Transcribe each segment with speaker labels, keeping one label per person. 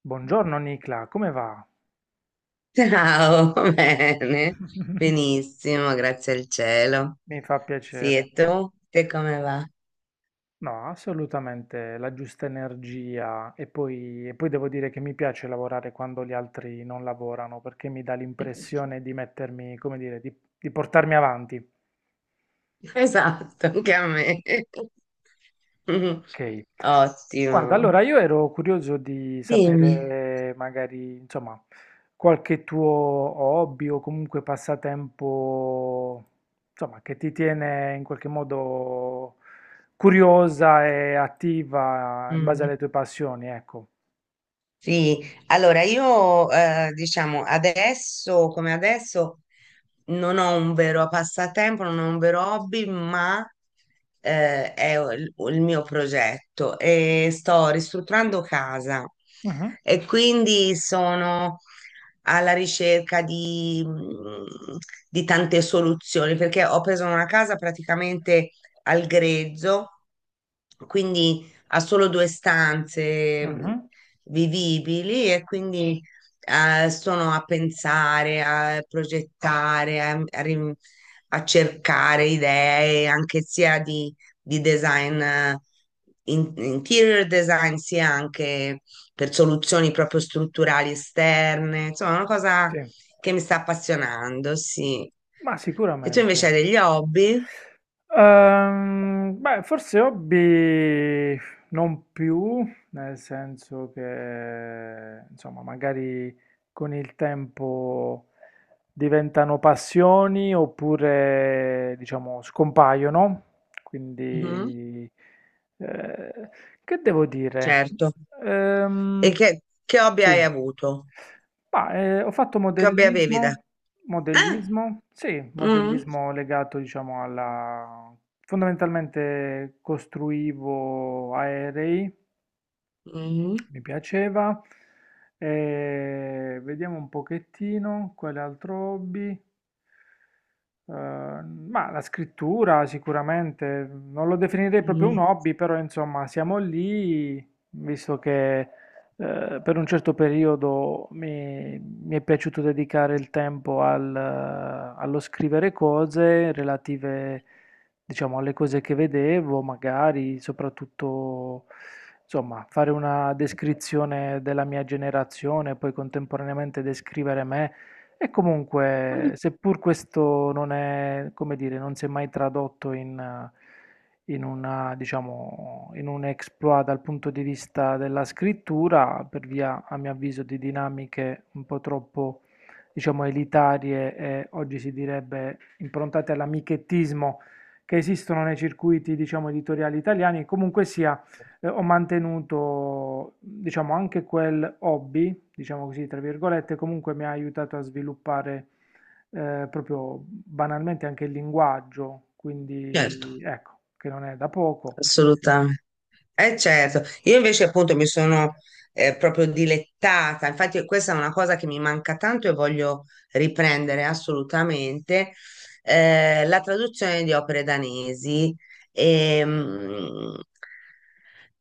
Speaker 1: Buongiorno Nicla, come va?
Speaker 2: Ciao, bene, benissimo, grazie al cielo.
Speaker 1: Mi fa
Speaker 2: Sì,
Speaker 1: piacere.
Speaker 2: e tu? Te come va?
Speaker 1: No, assolutamente la giusta energia e poi devo dire che mi piace lavorare quando gli altri non lavorano perché mi dà l'impressione di mettermi, come dire, di portarmi avanti.
Speaker 2: Esatto, anche a me.
Speaker 1: Ok, guarda,
Speaker 2: Ottimo.
Speaker 1: allora io ero curioso di
Speaker 2: Dimmi.
Speaker 1: sapere magari, insomma, qualche tuo hobby o comunque passatempo, insomma, che ti tiene in qualche modo curiosa e attiva in base
Speaker 2: Mm.
Speaker 1: alle tue passioni, ecco.
Speaker 2: Sì, allora io diciamo adesso come adesso non ho un vero passatempo, non ho un vero hobby, ma è il mio progetto e sto ristrutturando casa
Speaker 1: Mhm,
Speaker 2: e quindi sono alla ricerca di, di tante soluzioni perché ho preso una casa praticamente al grezzo, quindi ha solo due stanze
Speaker 1: mhm,
Speaker 2: vivibili e quindi sono a pensare, a progettare, a cercare idee anche sia di design, interior design, sia anche per soluzioni proprio strutturali esterne. Insomma, è una
Speaker 1: sì,
Speaker 2: cosa che mi sta appassionando, sì.
Speaker 1: ma
Speaker 2: E tu invece
Speaker 1: sicuramente.
Speaker 2: hai degli hobby?
Speaker 1: Beh, forse hobby non più, nel senso che, insomma, magari con il tempo diventano passioni oppure, diciamo, scompaiono.
Speaker 2: Mhm,
Speaker 1: Quindi, eh, che devo dire?
Speaker 2: certo. E
Speaker 1: Ehm,
Speaker 2: che hobby
Speaker 1: sì,
Speaker 2: hai avuto?
Speaker 1: ma ho fatto
Speaker 2: Che hobby avevi da...
Speaker 1: modellismo,
Speaker 2: Ah!
Speaker 1: modellismo, sì,
Speaker 2: Mm,
Speaker 1: modellismo legato, diciamo, alla... Fondamentalmente costruivo aerei,
Speaker 2: mm,
Speaker 1: mi piaceva. Vediamo un pochettino, quale altro hobby? Ma la scrittura sicuramente, non lo definirei proprio un
Speaker 2: mm.
Speaker 1: hobby, però insomma siamo lì, visto che per un certo periodo mi è piaciuto dedicare il tempo al, allo scrivere cose relative, diciamo, alle cose che vedevo, magari soprattutto, insomma, fare una descrizione della mia generazione, poi contemporaneamente descrivere me. E comunque, seppur questo non è, come dire, non si è mai tradotto in, in una, diciamo, in un exploit dal punto di vista della scrittura, per via, a mio avviso, di dinamiche un po' troppo, diciamo, elitarie e oggi si direbbe improntate all'amichettismo che esistono nei circuiti, diciamo, editoriali italiani, comunque sia ho mantenuto, diciamo, anche quel hobby diciamo così, tra virgolette, comunque mi ha aiutato a sviluppare proprio banalmente anche il linguaggio,
Speaker 2: Certo,
Speaker 1: quindi ecco, che non è da poco.
Speaker 2: assolutamente. Eh certo, io invece appunto mi sono proprio dilettata, infatti questa è una cosa che mi manca tanto e voglio riprendere assolutamente, la traduzione di opere danesi, ehm,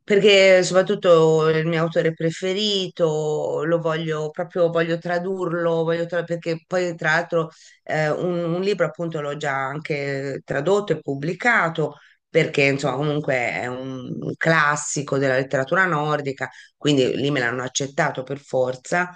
Speaker 2: perché soprattutto il mio autore preferito, lo voglio proprio, voglio tradurlo, perché poi tra l'altro un libro appunto l'ho già anche tradotto e pubblicato perché insomma
Speaker 1: Wow,
Speaker 2: comunque è un classico della letteratura nordica, quindi lì me l'hanno accettato per forza.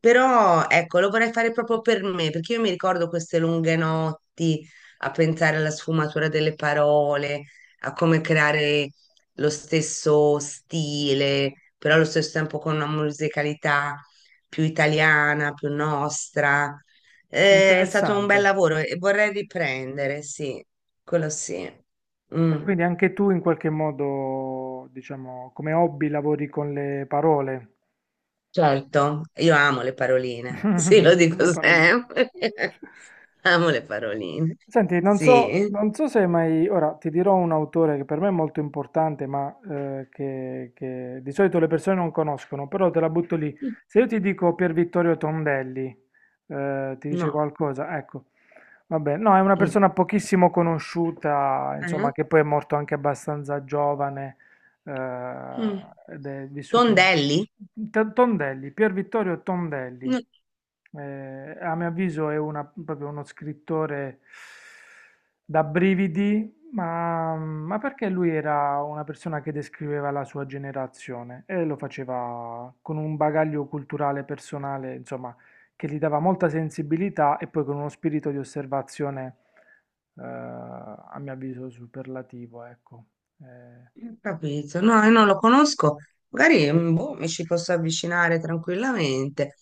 Speaker 2: Però ecco, lo vorrei fare proprio per me, perché io mi ricordo queste lunghe notti a pensare alla sfumatura delle parole, a come creare lo stesso stile, però allo stesso tempo con una musicalità più italiana, più nostra. È stato un bel
Speaker 1: interessante.
Speaker 2: lavoro e vorrei riprendere, sì, quello sì.
Speaker 1: Beh,
Speaker 2: Mm,
Speaker 1: quindi anche tu in qualche modo, diciamo, come hobby lavori con le parole,
Speaker 2: certo, io amo le paroline, sì, lo dico
Speaker 1: le paroline.
Speaker 2: sempre. Amo le paroline,
Speaker 1: Senti, non so,
Speaker 2: sì.
Speaker 1: non so se hai mai... Ora ti dirò un autore che per me è molto importante, ma che di solito le persone non conoscono, però te la butto lì. Se io ti dico Pier Vittorio Tondelli, ti dice
Speaker 2: No.
Speaker 1: qualcosa? Ecco, vabbè, no, è una
Speaker 2: Mm.
Speaker 1: persona pochissimo conosciuta,
Speaker 2: Eh?
Speaker 1: insomma, che poi è morto anche abbastanza giovane, eh,
Speaker 2: Mm.
Speaker 1: ed è vissuto nel...
Speaker 2: Tondelli?
Speaker 1: Tondelli, Pier Vittorio Tondelli,
Speaker 2: No,
Speaker 1: eh, a mio avviso è proprio uno scrittore da brividi, ma perché lui era una persona che descriveva la sua generazione e lo faceva con un bagaglio culturale personale, insomma, che gli dava molta sensibilità e poi con uno spirito di osservazione, a mio avviso, superlativo, ecco. Eh,
Speaker 2: non ho capito, no, io non lo conosco. Magari boh, mi ci posso avvicinare tranquillamente.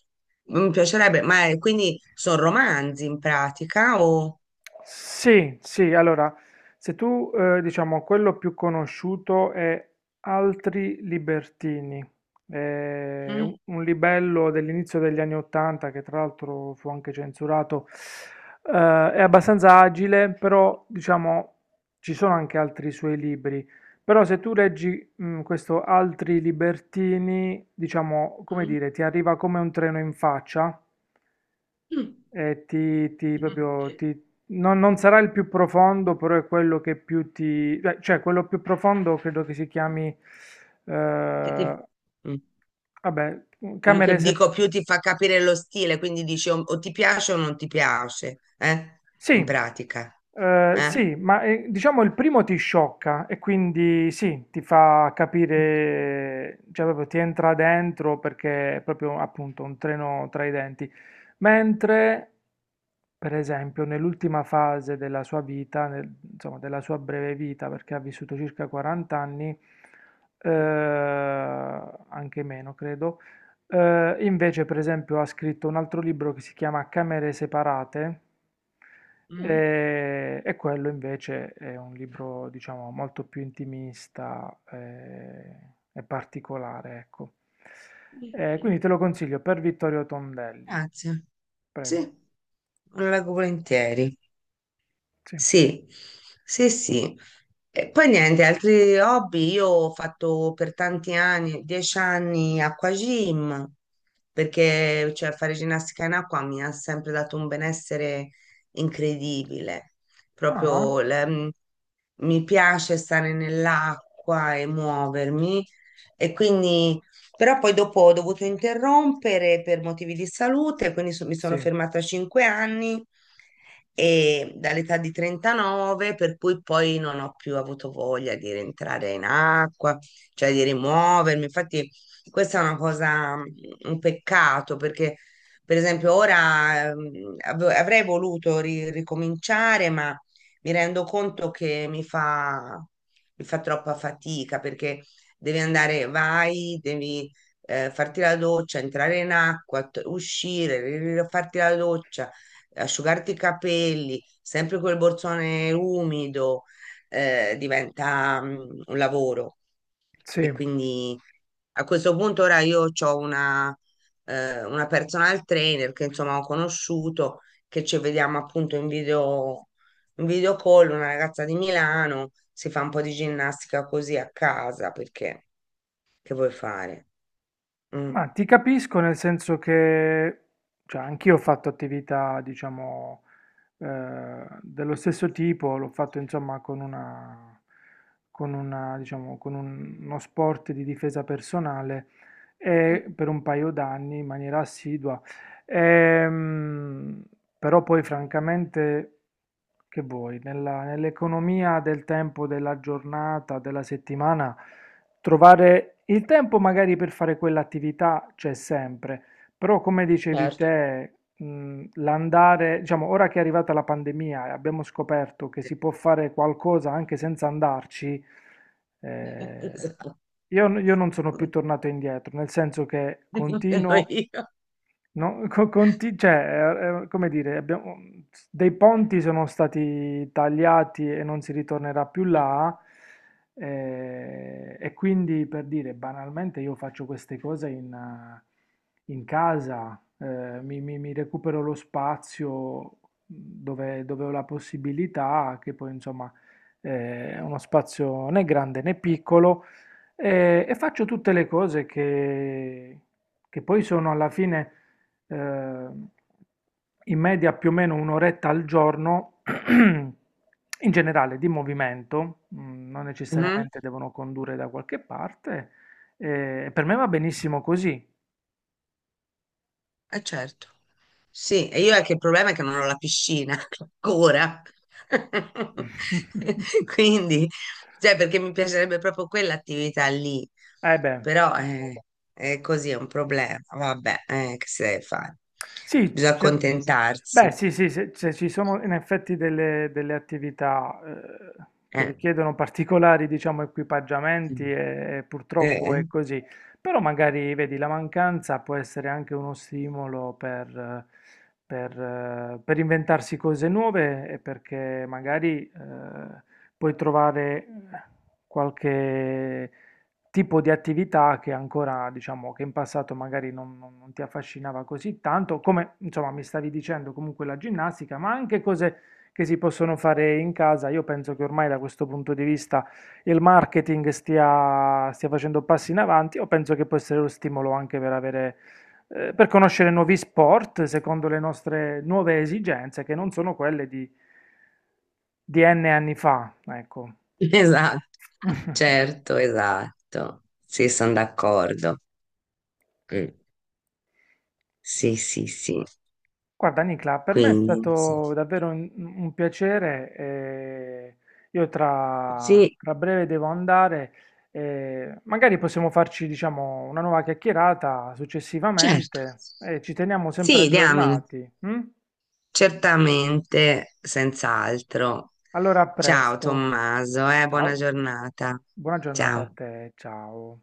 Speaker 2: Mi piacerebbe, ma quindi sono romanzi in pratica o...
Speaker 1: sì, sì, allora, se tu, diciamo, quello più conosciuto è Altri Libertini,
Speaker 2: Mm,
Speaker 1: un libello dell'inizio degli anni Ottanta, che tra l'altro fu anche censurato, eh, è abbastanza agile, però, diciamo, ci sono anche altri suoi libri. Però se tu leggi, mm, questo Altri Libertini, diciamo, come
Speaker 2: mm,
Speaker 1: dire, ti arriva come un treno in faccia,
Speaker 2: mm.
Speaker 1: e ti
Speaker 2: Mhm.
Speaker 1: proprio, non sarà il più profondo, però è quello che più ti... cioè, quello più profondo credo che si chiami...
Speaker 2: Che
Speaker 1: eh,
Speaker 2: ti- mm.
Speaker 1: vabbè,
Speaker 2: Quello che
Speaker 1: camere...
Speaker 2: dico
Speaker 1: sep-
Speaker 2: più ti fa capire lo stile, quindi dici o ti piace o non ti piace, eh? In
Speaker 1: sì,
Speaker 2: pratica,
Speaker 1: eh,
Speaker 2: eh?
Speaker 1: sì, ma diciamo il primo ti sciocca e quindi sì, ti fa capire, cioè proprio ti entra dentro perché è proprio appunto un treno tra i denti. Mentre, per esempio, nell'ultima fase della sua vita, insomma della sua breve vita, perché ha vissuto circa 40 anni, eh, anche meno credo, invece per esempio ha scritto un altro libro che si chiama Camere separate
Speaker 2: Mm.
Speaker 1: e quello invece è un libro, diciamo, molto più intimista e particolare, ecco. Quindi te lo consiglio per Vittorio Tondelli,
Speaker 2: Grazie. Sì,
Speaker 1: prego.
Speaker 2: lo leggo volentieri.
Speaker 1: Sì.
Speaker 2: Sì, sì, sì. E poi niente, altri hobby. Io ho fatto per tanti anni, 10 anni, acquagym, perché cioè, fare ginnastica in acqua mi ha sempre dato un benessere incredibile.
Speaker 1: Ah,
Speaker 2: Proprio la- m, mi piace stare nell'acqua e muovermi. E quindi, però poi dopo ho dovuto interrompere per motivi di salute, mi sono
Speaker 1: sì,
Speaker 2: fermata a 5 anni e dall'età di 39, per cui poi non ho più avuto voglia di rientrare in acqua, cioè di rimuovermi. Infatti, questa è una cosa, un peccato, perché per esempio ora avrei voluto ricominciare, ma mi rendo conto che mi fa troppa fatica perché devi andare, vai, devi farti la doccia, entrare in acqua, uscire, farti la doccia asciugarti i capelli, sempre quel borsone umido, diventa un lavoro. E
Speaker 1: sì.
Speaker 2: quindi a questo punto ora io ho una personal trainer che insomma ho conosciuto, che ci vediamo appunto in video call, una ragazza di Milano, si fa un po' di ginnastica così a casa, perché che vuoi fare? Mm.
Speaker 1: Ma ti capisco nel senso che, cioè, anch'io ho fatto attività, diciamo, dello stesso tipo, l'ho fatto insomma con una, diciamo, con uno sport di difesa personale e per un paio d'anni in maniera assidua. Ehm, però poi francamente, che vuoi, nell'economia del tempo, della giornata, della settimana. Trovare il tempo magari per fare quell'attività c'è sempre, però come dicevi
Speaker 2: Certo.
Speaker 1: te, l'andare, diciamo, ora che è arrivata la pandemia e abbiamo scoperto che si può fare qualcosa anche senza andarci, eh,
Speaker 2: Esatto.
Speaker 1: io non sono più tornato indietro, nel senso che continuo.
Speaker 2: Io.
Speaker 1: No, cioè, come dire, dei ponti sono stati tagliati e non si ritornerà più là, e quindi per dire, banalmente io faccio queste cose in, in casa, mi recupero lo spazio dove ho la possibilità, che poi insomma è uno spazio né grande né piccolo, e faccio tutte le cose che poi sono alla fine ehm, in media più o meno un'oretta al giorno, in generale di movimento, mm, non
Speaker 2: Mm.
Speaker 1: necessariamente devono condurre da qualche parte, e per me va benissimo così.
Speaker 2: Eh certo. Sì, e io è che il problema è che non ho la piscina ancora. Quindi, cioè, perché mi piacerebbe proprio quell'attività lì.
Speaker 1: Eh beh.
Speaker 2: Però è così, è un problema. Vabbè, che si deve fare?
Speaker 1: Sì,
Speaker 2: Bisogna
Speaker 1: cer- beh,
Speaker 2: accontentarsi.
Speaker 1: sì, sì, se, se ci sono in effetti delle, delle attività che
Speaker 2: Eh.
Speaker 1: richiedono particolari, diciamo, equipaggiamenti e purtroppo è
Speaker 2: Eh,
Speaker 1: così, però magari, vedi, la mancanza può essere anche uno stimolo per inventarsi cose nuove e perché magari puoi trovare qualche tipo di attività che ancora, diciamo, che in passato magari non ti affascinava così tanto, come insomma mi stavi dicendo comunque la ginnastica, ma anche cose che si possono fare in casa. Io penso che ormai da questo punto di vista il marketing stia facendo passi in avanti, o penso che può essere lo stimolo anche per avere, per conoscere nuovi sport secondo le nostre nuove esigenze, che non sono quelle di N anni fa, ecco.
Speaker 2: Esatto, certo, esatto. Sì, sono d'accordo. Mm. Sì, sì, sì.
Speaker 1: Guarda Nicla, per me è
Speaker 2: Quindi, sì.
Speaker 1: stato davvero un piacere. Io
Speaker 2: Sì.
Speaker 1: tra breve devo andare. Magari possiamo farci, diciamo, una nuova chiacchierata
Speaker 2: Certo,
Speaker 1: successivamente e ci teniamo sempre
Speaker 2: sì, diamine,
Speaker 1: aggiornati. Mm?
Speaker 2: certamente, senz'altro.
Speaker 1: Allora, a
Speaker 2: Ciao
Speaker 1: presto.
Speaker 2: Tommaso, buona
Speaker 1: Ciao,
Speaker 2: giornata.
Speaker 1: buona giornata a
Speaker 2: Ciao.
Speaker 1: te. Ciao.